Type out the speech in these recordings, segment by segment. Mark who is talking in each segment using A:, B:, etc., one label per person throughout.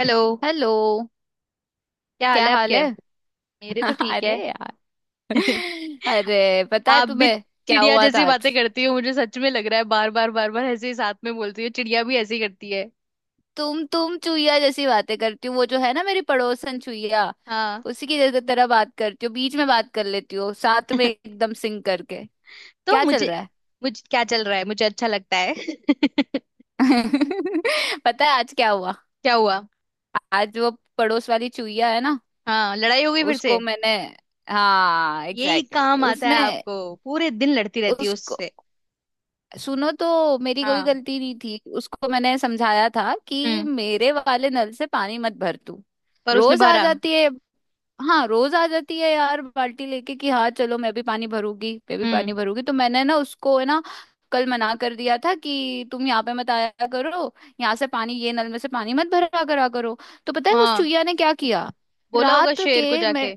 A: Hello.
B: Hello.
A: क्या हाल
B: क्या
A: है
B: हाल
A: आपके?
B: है।
A: मेरे तो ठीक है।
B: अरे यार। अरे पता है
A: आप भी
B: तुम्हें क्या
A: चिड़िया
B: हुआ था
A: जैसी
B: आज।
A: बातें करती हो, मुझे सच में लग रहा है बार बार बार बार ऐसे ही साथ में बोलती हो, चिड़िया भी ऐसे ही करती है।
B: तुम चुईया जैसी बातें करती हो। वो जो है ना, मेरी पड़ोसन चुईया।
A: हाँ।
B: उसी की जगह तरह बात करती हो, बीच में बात कर लेती हो, साथ में एकदम सिंग करके।
A: तो
B: क्या चल
A: मुझे
B: रहा है।
A: मुझे क्या चल रहा है, मुझे अच्छा लगता है। क्या
B: पता है आज क्या हुआ।
A: हुआ?
B: आज वो पड़ोस वाली चुईया है ना,
A: हाँ, लड़ाई हो गई फिर से।
B: उसको मैंने हाँ
A: यही
B: एग्जैक्टली
A: काम
B: exactly।
A: आता है
B: उसने
A: आपको, पूरे दिन लड़ती रहती है
B: उसको
A: उससे।
B: सुनो, तो मेरी कोई
A: हाँ।
B: गलती नहीं थी। उसको मैंने समझाया था कि
A: हम्म।
B: मेरे वाले नल से पानी मत भर तू।
A: पर उसने
B: रोज आ
A: भरा?
B: जाती है। हाँ रोज आ जाती है यार, बाल्टी लेके कि हाँ चलो मैं भी पानी भरूंगी मैं भी
A: हम्म।
B: पानी भरूंगी। तो मैंने ना उसको है ना कल मना कर दिया था कि तुम यहाँ पे मत आया करो। यहाँ से पानी, ये नल में से पानी मत भरा करा करो। तो पता है उस
A: हाँ,
B: चुहिया ने क्या किया।
A: बोला होगा
B: रात
A: शेर को
B: के मैं
A: जाके।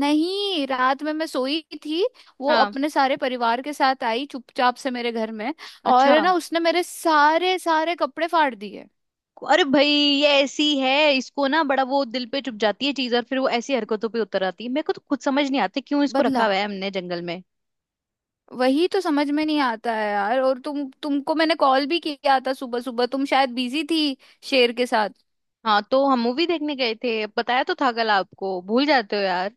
B: नहीं, रात में मैं सोई थी। वो
A: हाँ।
B: अपने सारे परिवार के साथ आई चुपचाप से मेरे घर में।
A: अच्छा।
B: और ना उसने मेरे सारे सारे कपड़े फाड़ दिए।
A: अरे भाई, ये ऐसी है, इसको ना बड़ा वो दिल पे चुप जाती है चीज, और फिर वो ऐसी हरकतों पे उतर आती है। मेरे को तो खुद समझ नहीं आती क्यों इसको रखा
B: बदला।
A: हुआ है हमने जंगल में।
B: वही तो समझ में नहीं आता है यार। और तुमको मैंने कॉल भी किया था, सुबह सुबह तुम शायद बिजी थी शेर के साथ।
A: हाँ, तो हम मूवी देखने गए थे, बताया तो था कल आपको, भूल जाते हो यार।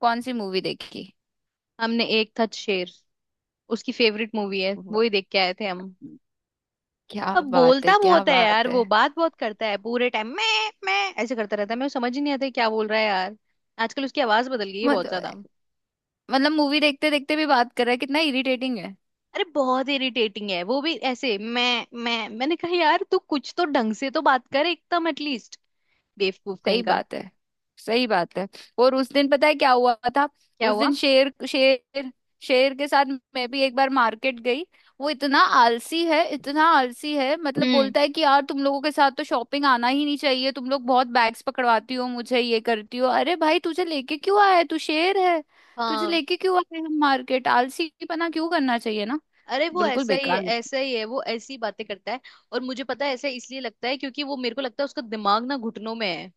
B: कौन सी मूवी देखी।
A: हमने एक था शेर, उसकी फेवरेट मूवी है,
B: वाह,
A: वो ही देख के आए थे हम।
B: क्या
A: अब
B: बात है,
A: बोलता
B: क्या
A: बहुत है
B: बात
A: यार, वो
B: है।
A: बात बहुत करता है, पूरे टाइम मैं ऐसे करता रहता है, मेरे को समझ ही नहीं आता है क्या बोल रहा है यार। आजकल उसकी आवाज बदल गई है बहुत ज्यादा।
B: मतलब मतलब मूवी देखते देखते भी बात कर रहा है, कितना इरिटेटिंग है।
A: अरे बहुत इरिटेटिंग है, वो भी ऐसे मैं मैंने कहा यार तू कुछ तो ढंग से तो बात कर एकदम एटलीस्ट। बेवकूफ
B: सही
A: कहीं का।
B: बात है। सही बात है। और उस दिन पता है क्या हुआ था।
A: क्या
B: उस
A: हुआ?
B: दिन शेर शेर शेर के साथ मैं भी एक बार मार्केट गई। वो इतना आलसी है इतना आलसी है, मतलब
A: हम्म।
B: बोलता है कि यार तुम लोगों के साथ तो शॉपिंग आना ही नहीं चाहिए, तुम लोग बहुत बैग्स पकड़वाती हो मुझे ये करती हो। अरे भाई तुझे लेके क्यों आया है, तू शेर है। तुझे
A: हाँ।
B: लेके क्यों आए हम मार्केट, आलसीपना क्यों करना चाहिए ना।
A: अरे, वो
B: बिल्कुल
A: ऐसा ही है,
B: बेकार।
A: ऐसा ही है, वो ऐसी ही बातें करता है। और मुझे पता है ऐसा इसलिए लगता है क्योंकि वो, मेरे को लगता है, उसका दिमाग ना घुटनों में है।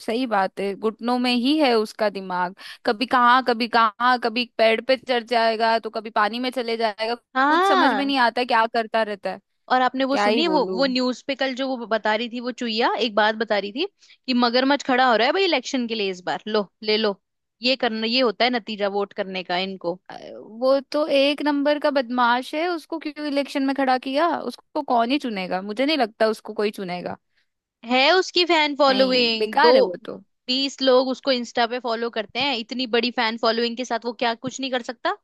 B: सही बात है, घुटनों में ही है उसका दिमाग। कभी कहाँ कभी कहाँ, कभी पेड़ पे चढ़ जाएगा तो कभी पानी में चले जाएगा। कुछ समझ में
A: हाँ।
B: नहीं आता क्या करता रहता है।
A: और आपने वो
B: क्या
A: सुनी
B: ही
A: है, वो
B: बोलूं।
A: न्यूज पे कल जो वो बता रही थी, वो चुईया एक बात बता रही थी कि मगरमच्छ खड़ा हो रहा है भाई इलेक्शन के लिए इस बार, लो ले लो। ये करना, ये होता है नतीजा वोट करने का इनको।
B: वो तो एक नंबर का बदमाश है, उसको क्यों इलेक्शन में खड़ा किया। उसको कौन ही चुनेगा, मुझे नहीं लगता उसको कोई चुनेगा।
A: है उसकी फैन
B: नहीं
A: फॉलोइंग दो,
B: बेकार है वो तो।
A: बीस लोग उसको इंस्टा पे फॉलो करते हैं, इतनी बड़ी फैन फॉलोइंग के साथ वो क्या कुछ नहीं कर सकता।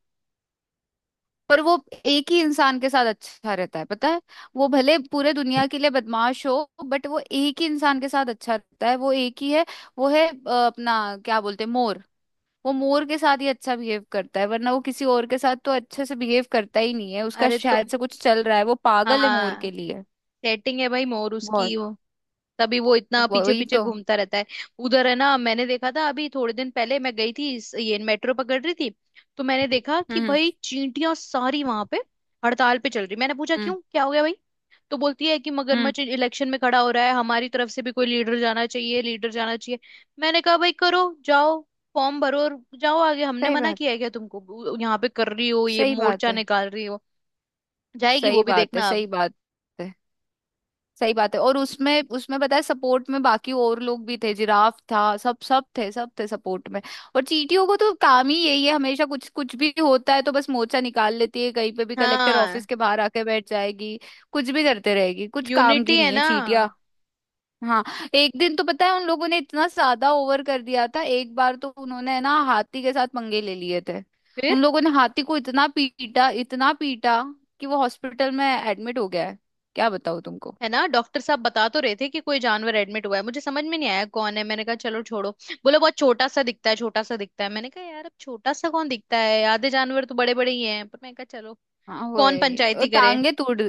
B: पर वो एक ही इंसान के साथ अच्छा रहता है पता है। वो भले पूरे दुनिया के लिए बदमाश हो बट वो एक ही इंसान के साथ अच्छा रहता है, वो एक ही है। वो है अपना क्या बोलते हैं, मोर। वो मोर के साथ ही अच्छा बिहेव करता है, वरना वो किसी और के साथ तो अच्छे से बिहेव करता ही नहीं है। उसका
A: अरे तो।
B: शायद से कुछ चल रहा है, वो पागल है मोर
A: हाँ।
B: के लिए।
A: सेटिंग है भाई, मोर
B: बहुत।
A: उसकी वो, तभी वो इतना पीछे
B: वही
A: पीछे
B: तो।
A: घूमता रहता है। उधर है ना, मैंने देखा था अभी थोड़े दिन पहले, मैं गई थी, ये मेट्रो पकड़ रही थी, तो मैंने देखा कि
B: हम्म
A: भाई चींटियां सारी वहां पे हड़ताल पे चल रही। मैंने पूछा
B: हम्म
A: क्यों, क्या हो गया भाई? तो बोलती है कि
B: हम्म
A: मगरमच्छ इलेक्शन में खड़ा हो रहा है, हमारी तरफ से भी कोई लीडर जाना चाहिए, लीडर जाना चाहिए। मैंने कहा भाई करो, जाओ फॉर्म भरो और जाओ आगे, हमने
B: सही
A: मना
B: बात।
A: किया है क्या तुमको, यहाँ पे कर रही हो ये
B: सही बात
A: मोर्चा
B: है।
A: निकाल रही हो। जाएगी वो
B: सही
A: भी,
B: बात है।
A: देखना
B: सही
A: अब।
B: बात है। सही बात है। और उसमें उसमें पता है सपोर्ट में बाकी और लोग भी थे, जिराफ था, सब सब थे, सब थे सपोर्ट में। और चींटियों को तो काम ही यही है, हमेशा कुछ कुछ भी होता है तो बस मोर्चा निकाल लेती है कहीं पे भी, कलेक्टर
A: हाँ।
B: ऑफिस के बाहर आके बैठ जाएगी। कुछ भी करते रहेगी, कुछ काम की
A: यूनिटी है
B: नहीं है
A: ना।
B: चींटिया। हाँ, एक दिन तो पता है उन लोगों ने इतना ज्यादा ओवर कर दिया था, एक बार तो उन्होंने ना हाथी के साथ पंगे ले लिए थे।
A: फिर?
B: उन लोगों ने हाथी को इतना पीटा कि वो हॉस्पिटल में एडमिट हो गया है। क्या बताऊँ।
A: है ना। डॉक्टर साहब बता तो रहे थे कि कोई जानवर एडमिट हुआ है, मुझे समझ में नहीं आया कौन है, मैंने कहा चलो छोड़ो। बोले बहुत छोटा सा दिखता है, छोटा सा दिखता है। मैंने कहा यार अब छोटा सा कौन दिखता है, आधे जानवर तो बड़े बड़े ही हैं, पर मैंने कहा चलो,
B: हाँ
A: कौन
B: वही, और
A: पंचायती करे।
B: टांगे तोड़,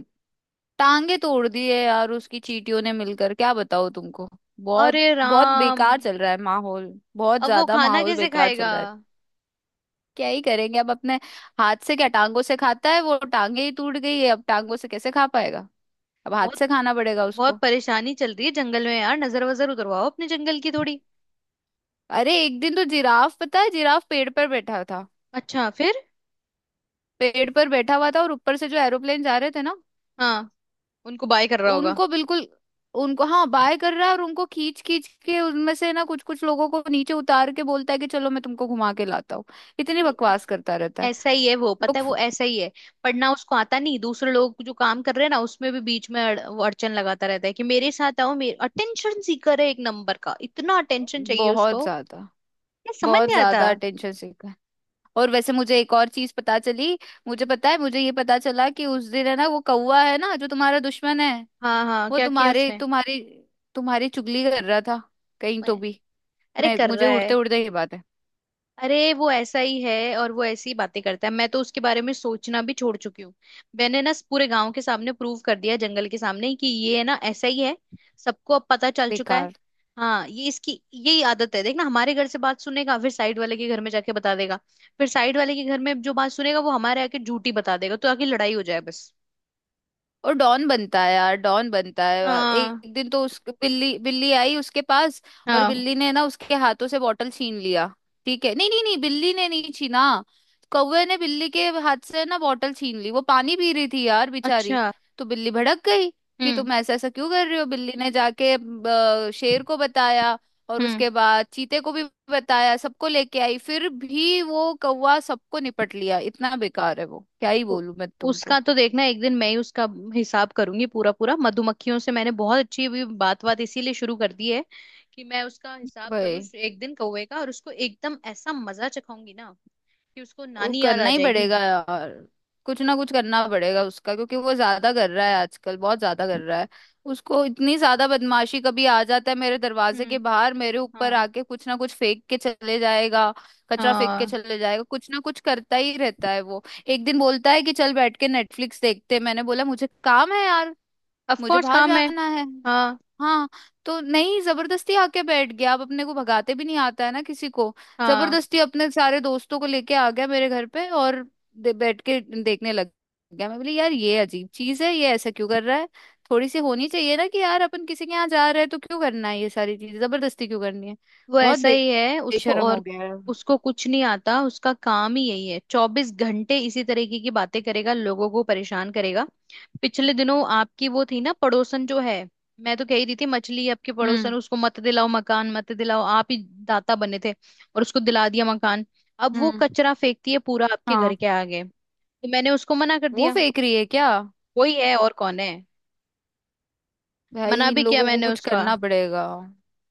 B: टांगे तोड़ दी है यार उसकी चींटियों ने मिलकर, क्या बताओ तुमको। बहुत
A: अरे
B: बहुत
A: राम,
B: बेकार चल रहा है माहौल। बहुत
A: अब वो
B: ज्यादा
A: खाना
B: माहौल
A: कैसे
B: बेकार चल
A: खाएगा।
B: रहा है। क्या ही करेंगे अब अपने हाथ से, क्या टांगों से खाता है वो, टांगे ही टूट गई है, अब टांगों से कैसे खा पाएगा। अब हाथ
A: बहुत
B: से खाना पड़ेगा
A: बहुत
B: उसको।
A: परेशानी चल रही है जंगल में यार, नजर वजर उतरवाओ अपने जंगल की थोड़ी।
B: अरे एक दिन तो जिराफ पता है, जिराफ पेड़ पर बैठा था,
A: अच्छा फिर?
B: पेड़ पर बैठा हुआ था और ऊपर से जो एरोप्लेन जा रहे थे ना,
A: हाँ। उनको बाय कर रहा होगा।
B: उनको बिल्कुल, उनको हाँ बाय कर रहा है, और उनको खींच खींच के उनमें से ना कुछ कुछ लोगों को नीचे उतार के बोलता है कि चलो मैं तुमको घुमा के लाता हूँ। इतनी बकवास करता रहता है
A: ऐसा ही है वो,
B: लोग।
A: पता है, वो ऐसा ही है। पढ़ना उसको आता नहीं, दूसरे लोग जो काम कर रहे हैं ना उसमें भी बीच में वो अड़चन लगाता रहता है कि मेरे साथ आओ, मेरे अटेंशन सीकर है एक नंबर का, इतना अटेंशन चाहिए
B: बहुत
A: उसको।
B: ज्यादा।
A: ये समझ
B: बहुत
A: नहीं आता।
B: ज्यादा अटेंशन सीखा है। और वैसे मुझे एक और चीज पता चली। मुझे
A: हम्म।
B: पता है, मुझे ये पता चला कि उस दिन है ना, वो कौवा है ना जो तुम्हारा दुश्मन है,
A: हाँ हाँ,
B: वो
A: क्या किया
B: तुम्हारे
A: उसने?
B: तुम्हारी तुम्हारी चुगली कर रहा था कहीं तो भी।
A: अरे
B: मैं
A: कर
B: मुझे
A: रहा है।
B: उड़ते उड़ते ये बात है।
A: अरे वो ऐसा ही है और वो ऐसी ही बातें करता है, मैं तो उसके बारे में सोचना भी छोड़ चुकी हूँ। मैंने ना पूरे गांव के सामने प्रूव कर दिया, जंगल के सामने कि ये है ना ऐसा ही है। सबको अब पता चल चुका है।
B: बेकार।
A: हाँ, ये इसकी यही आदत है, देखना हमारे घर से बात सुनेगा फिर साइड वाले के घर में जाके बता देगा। फिर साइड वाले के घर में जो बात सुनेगा वो हमारे आके झूठी बता देगा, तो आके लड़ाई हो जाए बस।
B: और डॉन बनता है यार, डॉन बनता है यार। एक
A: हाँ।
B: एक दिन तो उस बिल्ली बिल्ली आई उसके पास। और
A: हाँ।
B: बिल्ली ने ना उसके हाथों से बॉटल छीन लिया। ठीक है, नहीं नहीं नहीं, बिल्ली ने नहीं छीना। कौवे ने बिल्ली के हाथ से ना बॉटल छीन ली, वो पानी पी रही थी यार बेचारी।
A: अच्छा।
B: तो बिल्ली भड़क गई कि
A: हम्म।
B: तुम ऐसा ऐसा क्यों कर रहे हो। बिल्ली ने जाके शेर को बताया, और
A: हम्म।
B: उसके बाद चीते को भी बताया, सबको लेके आई। फिर भी वो कौवा सबको निपट लिया, इतना बेकार है वो। क्या ही
A: उ-
B: बोलूं मैं तुमको।
A: उसका तो देखना, एक दिन मैं ही उसका हिसाब करूंगी पूरा पूरा, मधुमक्खियों से मैंने बहुत अच्छी अभी बात बात इसीलिए शुरू कर दी है कि मैं उसका हिसाब करूँ
B: वही।
A: एक दिन कौवे का, और उसको एकदम ऐसा मजा चखाऊंगी ना कि उसको
B: वो
A: नानी याद आ
B: करना ही
A: जाएगी।
B: पड़ेगा यार। कुछ ना कुछ करना पड़ेगा उसका क्योंकि वो ज्यादा कर रहा है आजकल, बहुत ज्यादा कर रहा है। उसको इतनी ज्यादा बदमाशी। कभी आ जाता है मेरे दरवाजे के
A: हम्म।
B: बाहर, मेरे ऊपर
A: हाँ।
B: आके कुछ ना कुछ फेंक के चले जाएगा, कचरा फेंक के
A: हाँ।
B: चले जाएगा। कुछ ना कुछ करता ही रहता है वो। एक दिन बोलता है कि चल बैठ के नेटफ्लिक्स देखते हैं। मैंने बोला मुझे काम है यार,
A: ऑफ
B: मुझे
A: कोर्स
B: बाहर
A: काम है।
B: जाना है।
A: हाँ।
B: हाँ, तो नहीं, जबरदस्ती आके बैठ गया। अब अपने को भगाते भी नहीं आता है ना किसी को।
A: हाँ।
B: जबरदस्ती अपने सारे दोस्तों को लेके आ गया मेरे घर पे, और बैठ के देखने लग गया। मैं बोली यार ये अजीब चीज है, ये ऐसा क्यों कर रहा है। थोड़ी सी होनी चाहिए ना कि यार अपन किसी के यहाँ जा रहे हैं तो क्यों करना है ये सारी चीजें, जबरदस्ती क्यों करनी है।
A: वो
B: बहुत
A: ऐसा
B: बे-
A: ही है उसको,
B: बेशरम हो
A: और
B: गया है।
A: उसको कुछ नहीं आता, उसका काम ही यही है, चौबीस घंटे इसी तरीके की बातें करेगा, लोगों को परेशान करेगा। पिछले दिनों आपकी वो थी ना पड़ोसन जो है, मैं तो कह ही रही थी मछली है आपके
B: हम्म।
A: पड़ोसन, उसको मत दिलाओ मकान, मत दिलाओ, आप ही दाता बने थे और उसको दिला दिया मकान। अब वो
B: हम्म।
A: कचरा फेंकती है पूरा आपके घर
B: हाँ।
A: के आगे, तो मैंने उसको मना कर
B: वो
A: दिया।
B: फेंक रही है क्या।
A: वही है, और कौन है। मना
B: भाई इन
A: भी किया
B: लोगों को
A: मैंने
B: कुछ
A: उसका,
B: करना पड़ेगा,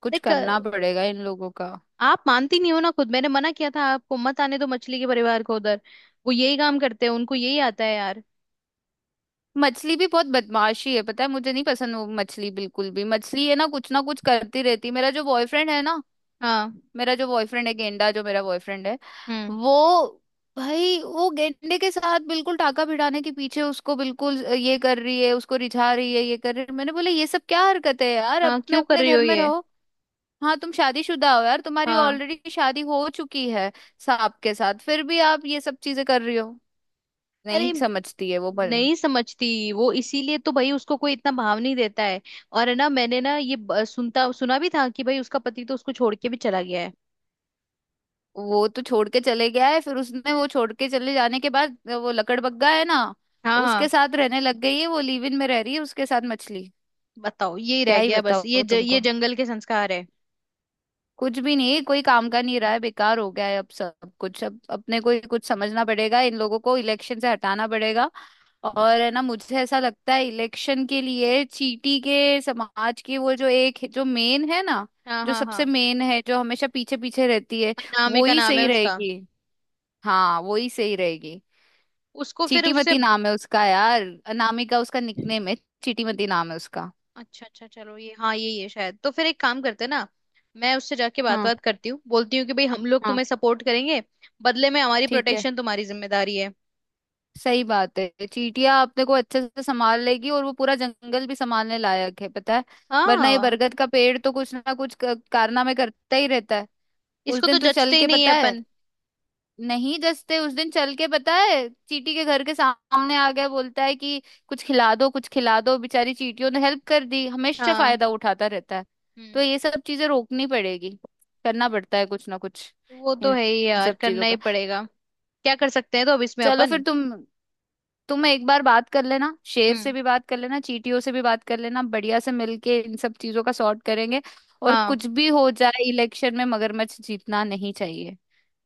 B: कुछ
A: देख
B: करना पड़ेगा इन लोगों का।
A: आप मानती नहीं हो ना खुद, मैंने मना किया था आपको, मत आने दो मछली के परिवार को उधर, वो यही काम करते हैं, उनको यही आता है यार।
B: मछली भी बहुत बदमाशी है पता है, मुझे नहीं पसंद वो मछली बिल्कुल भी। मछली है ना, कुछ ना कुछ करती रहती है। मेरा जो बॉयफ्रेंड है ना,
A: हाँ।
B: मेरा जो बॉयफ्रेंड है गेंडा, जो मेरा बॉयफ्रेंड है
A: हम्म।
B: वो, भाई वो गेंडे के साथ बिल्कुल टाका भिड़ाने के पीछे, उसको बिल्कुल ये कर रही है, उसको रिझा रही है, ये कर रही है। मैंने बोला ये सब क्या हरकत है यार,
A: हाँ,
B: अपने
A: क्यों कर
B: अपने
A: रही हो
B: घर में
A: ये?
B: रहो। हाँ तुम शादीशुदा हो यार, तुम्हारी
A: हाँ।
B: ऑलरेडी शादी हो चुकी है सांप के साथ, फिर भी आप ये सब चीजें कर रही हो, नहीं
A: अरे
B: समझती है वो भर।
A: नहीं समझती, वो इसीलिए तो भाई उसको कोई इतना भाव नहीं देता है। और है ना, मैंने ना ये सुनता सुना भी था कि भाई उसका पति तो उसको छोड़ के भी चला गया है।
B: वो तो छोड़ के चले गया है, फिर उसने वो छोड़ के चले जाने के बाद वो लकड़बग्गा है ना,
A: हाँ
B: उसके
A: हाँ।
B: साथ रहने लग गई है, वो लिव इन में रह रही है उसके साथ मछली।
A: बताओ, ये
B: क्या
A: रह
B: ही
A: गया बस, ये
B: बताओ
A: ये
B: तुमको।
A: जंगल के संस्कार है।
B: कुछ भी नहीं, कोई काम का नहीं रहा है, बेकार हो गया है अब सब कुछ। अब अपने को ही कुछ समझना पड़ेगा, इन लोगों को इलेक्शन से हटाना पड़ेगा। और है ना, मुझे ऐसा लगता है इलेक्शन के लिए चीटी के समाज की वो जो एक जो मेन है ना,
A: हाँ
B: जो
A: हाँ
B: सबसे
A: हाँ।
B: मेन है, जो हमेशा पीछे पीछे रहती है,
A: अनामे
B: वो
A: का
B: ही
A: नाम है
B: सही
A: उसका।
B: रहेगी। हाँ वो ही सही रहेगी।
A: उसको फिर उससे।
B: चीटीमती नाम है उसका यार। अनामिका उसका निकनेम है। चीटीमती नाम है उसका।
A: अच्छा अच्छा, चलो ये, हाँ, ये शायद, तो फिर एक काम करते हैं ना, मैं उससे जाके बात
B: हाँ
A: बात करती हूँ, बोलती हूँ कि भाई हम लोग
B: हाँ।
A: तुम्हें सपोर्ट करेंगे, बदले में हमारी
B: ठीक है।
A: प्रोटेक्शन तुम्हारी जिम्मेदारी है।
B: सही बात है, चींटियां अपने को अच्छे से संभाल लेगी और वो पूरा जंगल भी संभालने लायक है पता है। वरना ये
A: हाँ।
B: बरगद का पेड़ तो कुछ ना कुछ कारनामे करता ही रहता है। उस
A: इसको तो
B: दिन तू
A: जचते
B: चल
A: ही
B: के
A: नहीं है
B: पता है,
A: अपन।
B: नहीं जस्ते, उस दिन चल के पता है चीटी के घर के सामने आ गया बोलता है कि कुछ खिला दो, कुछ खिला दो, बेचारी चीटियों ने हेल्प कर दी, हमेशा
A: हाँ।
B: फायदा उठाता रहता है। तो
A: हम्म।
B: ये सब चीजें रोकनी पड़ेगी। करना पड़ता है कुछ ना कुछ,
A: वो तो
B: इन,
A: है ही
B: इन
A: यार,
B: सब चीजों
A: करना ही
B: का।
A: पड़ेगा। क्या कर सकते हैं तो अब इसमें
B: चलो
A: अपन।
B: फिर, तुम एक बार बात कर लेना, शेर से
A: हम्म।
B: भी बात कर लेना, चीटियों से भी बात कर लेना, बढ़िया से मिलके इन सब चीजों का सॉर्ट करेंगे। और
A: हाँ,
B: कुछ भी हो जाए इलेक्शन में मगरमच्छ जीतना नहीं चाहिए,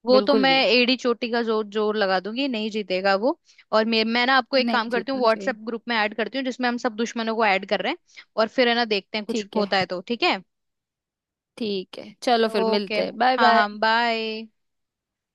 A: वो तो
B: बिल्कुल
A: मैं
B: भी
A: एड़ी चोटी का जोर जोर लगा दूंगी, नहीं जीतेगा वो। और मैं ना आपको एक
B: नहीं
A: काम करती हूँ,
B: जीतना
A: व्हाट्सएप
B: चाहिए।
A: ग्रुप में ऐड करती हूँ जिसमें हम सब दुश्मनों को ऐड कर रहे हैं। और फिर है ना देखते हैं, कुछ
B: ठीक है।
A: होता है तो ठीक है।
B: ठीक है, चलो फिर
A: ओके।
B: मिलते हैं, बाय
A: हाँ
B: बाय।
A: हाँ, बाय।